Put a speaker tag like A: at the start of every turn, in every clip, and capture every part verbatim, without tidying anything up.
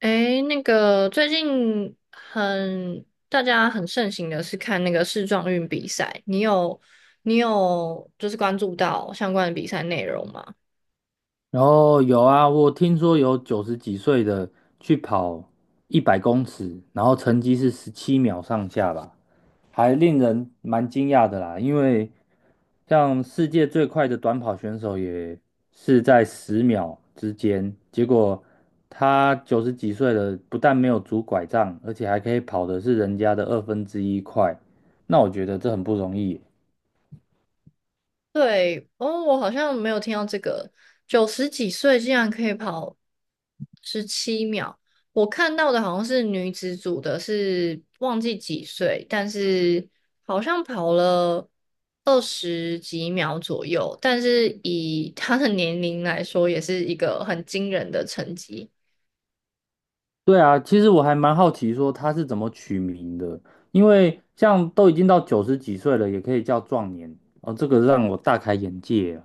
A: 诶，那个最近很大家很盛行的是看那个世壮运比赛，你有你有就是关注到相关的比赛内容吗？
B: 然后有啊，我听说有九十几岁的去跑一百公尺，然后成绩是十七秒上下吧，还令人蛮惊讶的啦。因为像世界最快的短跑选手也是在十秒之间，结果他九十几岁了，不但没有拄拐杖，而且还可以跑的是人家的二分之一快。那我觉得这很不容易。
A: 对，哦，我好像没有听到这个，九十几岁竟然可以跑十七秒。我看到的好像是女子组的是忘记几岁，但是好像跑了二十几秒左右，但是以她的年龄来说，也是一个很惊人的成绩。
B: 对啊，其实我还蛮好奇说他是怎么取名的，因为像都已经到九十几岁了，也可以叫壮年哦，这个让我大开眼界啊。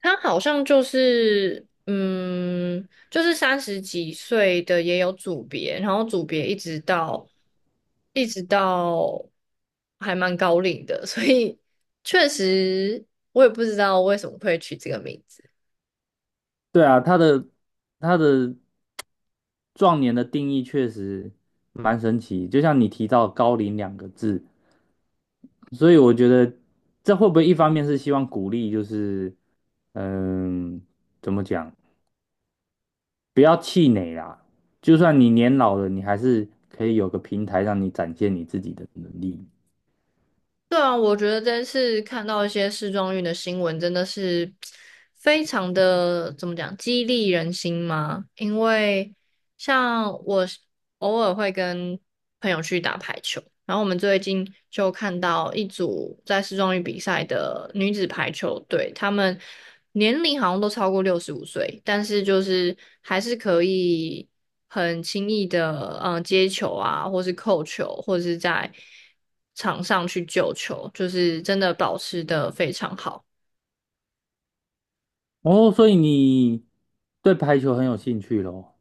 A: 他好像就是，嗯，就是三十几岁的也有组别，然后组别一直到一直到还蛮高龄的，所以确实我也不知道为什么会取这个名字。
B: 对啊，他的他的壮年的定义确实蛮神奇，就像你提到高龄两个字，所以我觉得这会不会一方面是希望鼓励，就是嗯，怎么讲，不要气馁啦，就算你年老了，你还是可以有个平台让你展现你自己的能力。
A: 对啊，我觉得这次看到一些时装运的新闻，真的是非常的，怎么讲，激励人心嘛。因为像我偶尔会跟朋友去打排球，然后我们最近就看到一组在市中运比赛的女子排球队，她们年龄好像都超过六十五岁，但是就是还是可以很轻易的嗯、呃接球啊，或是扣球，或者是在场上去救球，就是真的保持的非常好。
B: 哦，所以你对排球很有兴趣咯，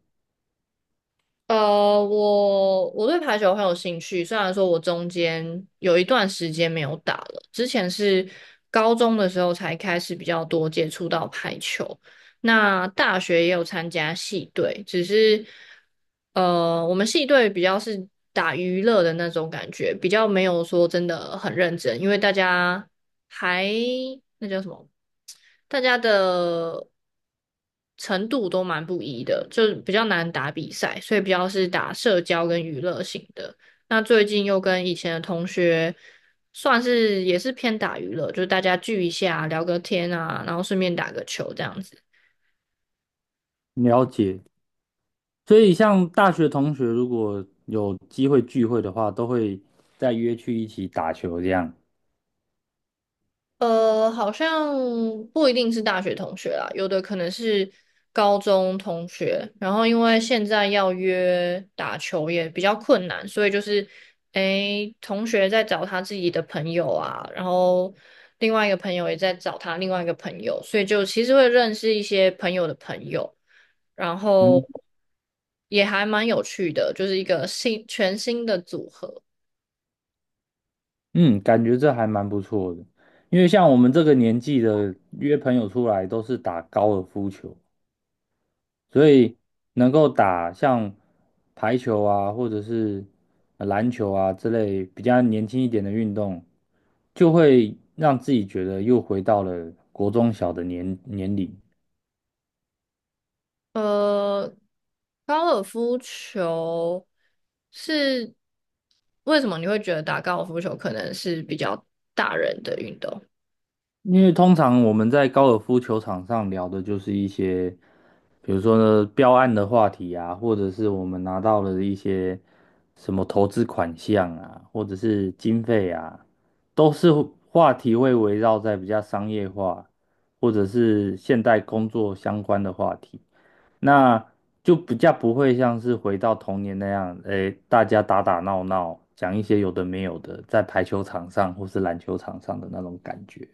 A: 呃，我我对排球很有兴趣，虽然说我中间有一段时间没有打了，之前是高中的时候才开始比较多接触到排球。那大学也有参加系队，只是呃，我们系队比较是打娱乐的那种感觉，比较没有说真的很认真，因为大家还那叫什么，大家的程度都蛮不一的，就比较难打比赛，所以比较是打社交跟娱乐型的。那最近又跟以前的同学，算是也是偏打娱乐，就是大家聚一下，聊个天啊，然后顺便打个球这样子。
B: 了解。所以像大学同学如果有机会聚会的话，都会再约去一起打球这样。
A: 呃，好像不一定是大学同学啦，有的可能是高中同学。然后因为现在要约打球也比较困难，所以就是，诶，同学在找他自己的朋友啊，然后另外一个朋友也在找他另外一个朋友，所以就其实会认识一些朋友的朋友，然
B: 嗯
A: 后也还蛮有趣的，就是一个新全新的组合。
B: 嗯，感觉这还蛮不错的，因为像我们这个年纪的约朋友出来都是打高尔夫球。所以能够打像排球啊，或者是呃篮球啊之类比较年轻一点的运动，就会让自己觉得又回到了国中小的年年龄。
A: 呃，高尔夫球是为什么你会觉得打高尔夫球可能是比较大人的运动？
B: 因为通常我们在高尔夫球场上聊的就是一些，比如说呢，标案的话题啊，或者是我们拿到了一些什么投资款项啊，或者是经费啊，都是话题会围绕在比较商业化或者是现代工作相关的话题，那就比较不会像是回到童年那样，诶，大家打打闹闹，讲一些有的没有的，在排球场上或是篮球场上的那种感觉。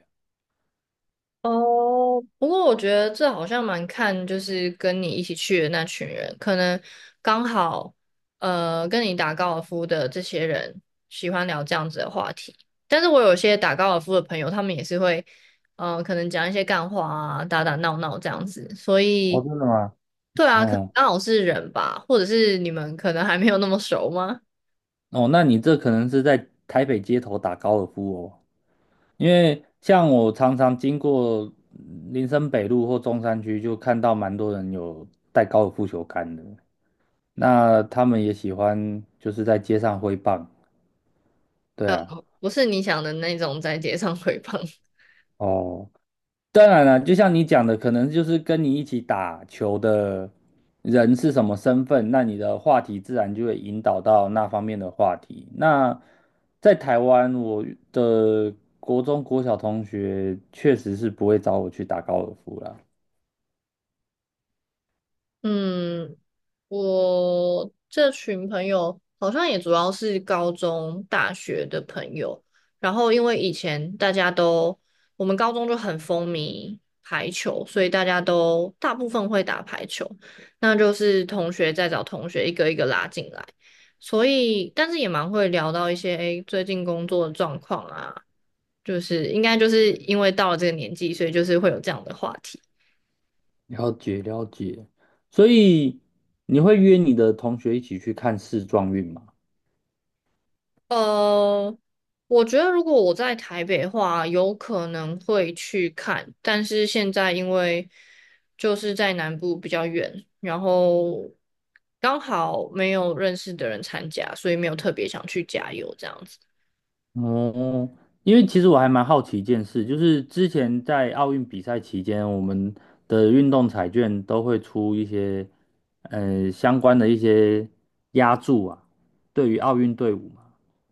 A: 哦，不过我觉得这好像蛮看，就是跟你一起去的那群人，可能刚好呃跟你打高尔夫的这些人喜欢聊这样子的话题。但是我有些打高尔夫的朋友，他们也是会呃可能讲一些干话啊，打打闹闹这样子。所
B: 哦，
A: 以，
B: 真的吗？
A: 对啊，可能
B: 哦
A: 刚好是人吧，或者是你们可能还没有那么熟吗？
B: 哦，那你这可能是在台北街头打高尔夫哦，因为像我常常经过嗯林森北路或中山区，就看到蛮多人有带高尔夫球杆的，那他们也喜欢就是在街上挥棒，对
A: 呃，
B: 啊，
A: 不是你想的那种在街上 鬼放。
B: 哦。当然了，就像你讲的，可能就是跟你一起打球的人是什么身份，那你的话题自然就会引导到那方面的话题。那在台湾，我的国中、国小同学确实是不会找我去打高尔夫啦。
A: 嗯，我这群朋友好像也主要是高中、大学的朋友，然后因为以前大家都，我们高中就很风靡排球，所以大家都大部分会打排球，那就是同学在找同学一个一个拉进来，所以但是也蛮会聊到一些，诶，最近工作的状况啊，就是应该就是因为到了这个年纪，所以就是会有这样的话题。
B: 了解了解，所以你会约你的同学一起去看世壮运吗？
A: 呃，我觉得如果我在台北的话，有可能会去看，但是现在因为就是在南部比较远，然后刚好没有认识的人参加，所以没有特别想去加油这样子。
B: 哦，因为其实我还蛮好奇一件事，就是之前在奥运比赛期间，我们的运动彩券都会出一些，呃，相关的一些押注啊，对于奥运队伍嘛，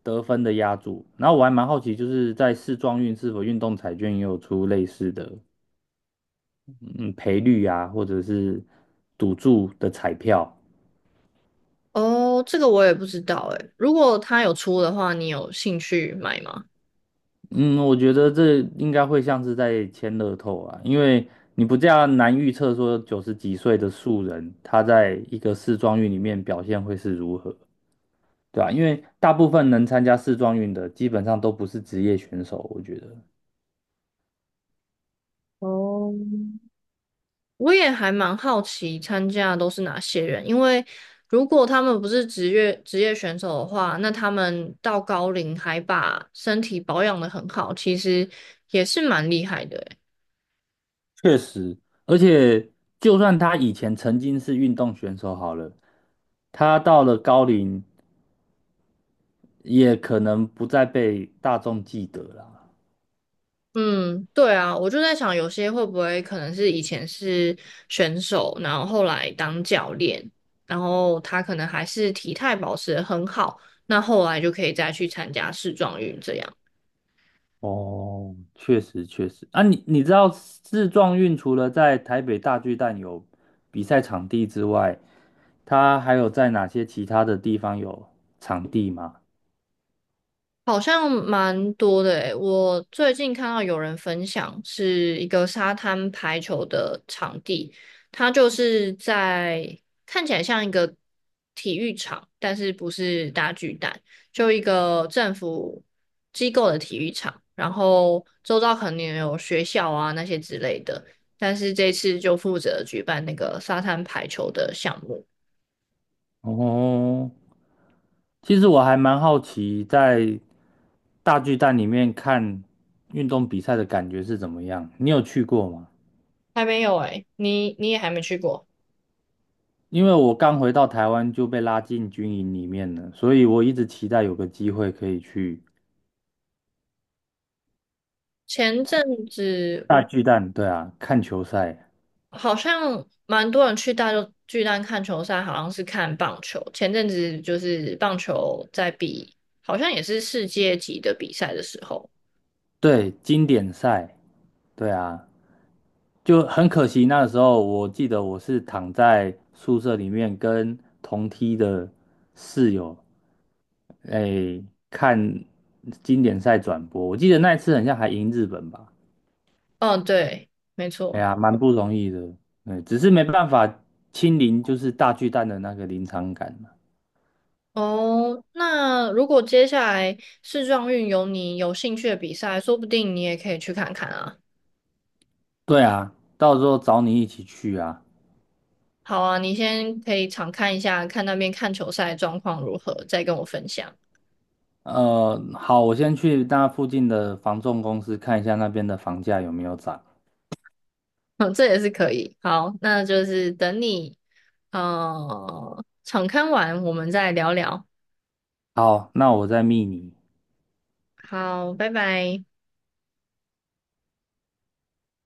B: 得分的押注。然后我还蛮好奇，就是在世壮运是否运动彩券也有出类似的，嗯，赔率啊，或者是赌注的彩票。
A: 哦，这个我也不知道诶，如果他有出的话，你有兴趣买吗？
B: 嗯，我觉得这应该会像是在签乐透啊，因为你不这样难预测说九十几岁的素人他在一个世壮运里面表现会是如何，对吧？因为大部分能参加世壮运的基本上都不是职业选手，我觉得
A: 哦，我也还蛮好奇参加的都是哪些人，因为如果他们不是职业职业选手的话，那他们到高龄还把身体保养的很好，其实也是蛮厉害的欸。
B: 确实，而且就算他以前曾经是运动选手好了，他到了高龄也可能不再被大众记得啦。
A: 嗯，对啊，我就在想，有些会不会可能是以前是选手，然后后来当教练，然后他可能还是体态保持得很好，那后来就可以再去参加世壮运这样。
B: 哦，确实确实啊，你你知道世撞运除了在台北大巨蛋有比赛场地之外，它还有在哪些其他的地方有场地吗？
A: 好像蛮多的诶，我最近看到有人分享是一个沙滩排球的场地，它就是在看起来像一个体育场，但是不是大巨蛋，就一个政府机构的体育场，然后周遭可能也有学校啊那些之类的，但是这次就负责举办那个沙滩排球的项目，
B: 哦，其实我还蛮好奇，在大巨蛋里面看运动比赛的感觉是怎么样？你有去过吗？
A: 还没有诶，你你也还没去过。
B: 因为我刚回到台湾就被拉进军营里面了，所以我一直期待有个机会可以去
A: 前阵子
B: 大巨蛋，对啊，看球赛。
A: 好像蛮多人去大洲巨蛋看球赛，好像是看棒球。前阵子就是棒球在比，好像也是世界级的比赛的时候。
B: 对，经典赛，对啊，就很可惜。那时候我记得我是躺在宿舍里面跟同梯的室友，哎，看经典赛转播。我记得那一次好像还赢日本吧？
A: 嗯，对，没
B: 哎
A: 错。
B: 呀，蛮不容易的。对，只是没办法亲临就是大巨蛋的那个临场感嘛。
A: 哦，那如果接下来世壮运有你有兴趣的比赛，说不定你也可以去看看啊。
B: 对啊，到时候找你一起去啊。
A: 好啊，你先可以常看一下，看那边看球赛状况如何，再跟我分享。
B: 呃，好，我先去那附近的房仲公司看一下那边的房价有没有涨。
A: 嗯，这也是可以。好，那就是等你。呃，场刊完我们再聊聊。
B: 好，那我再密你。
A: 好，拜拜。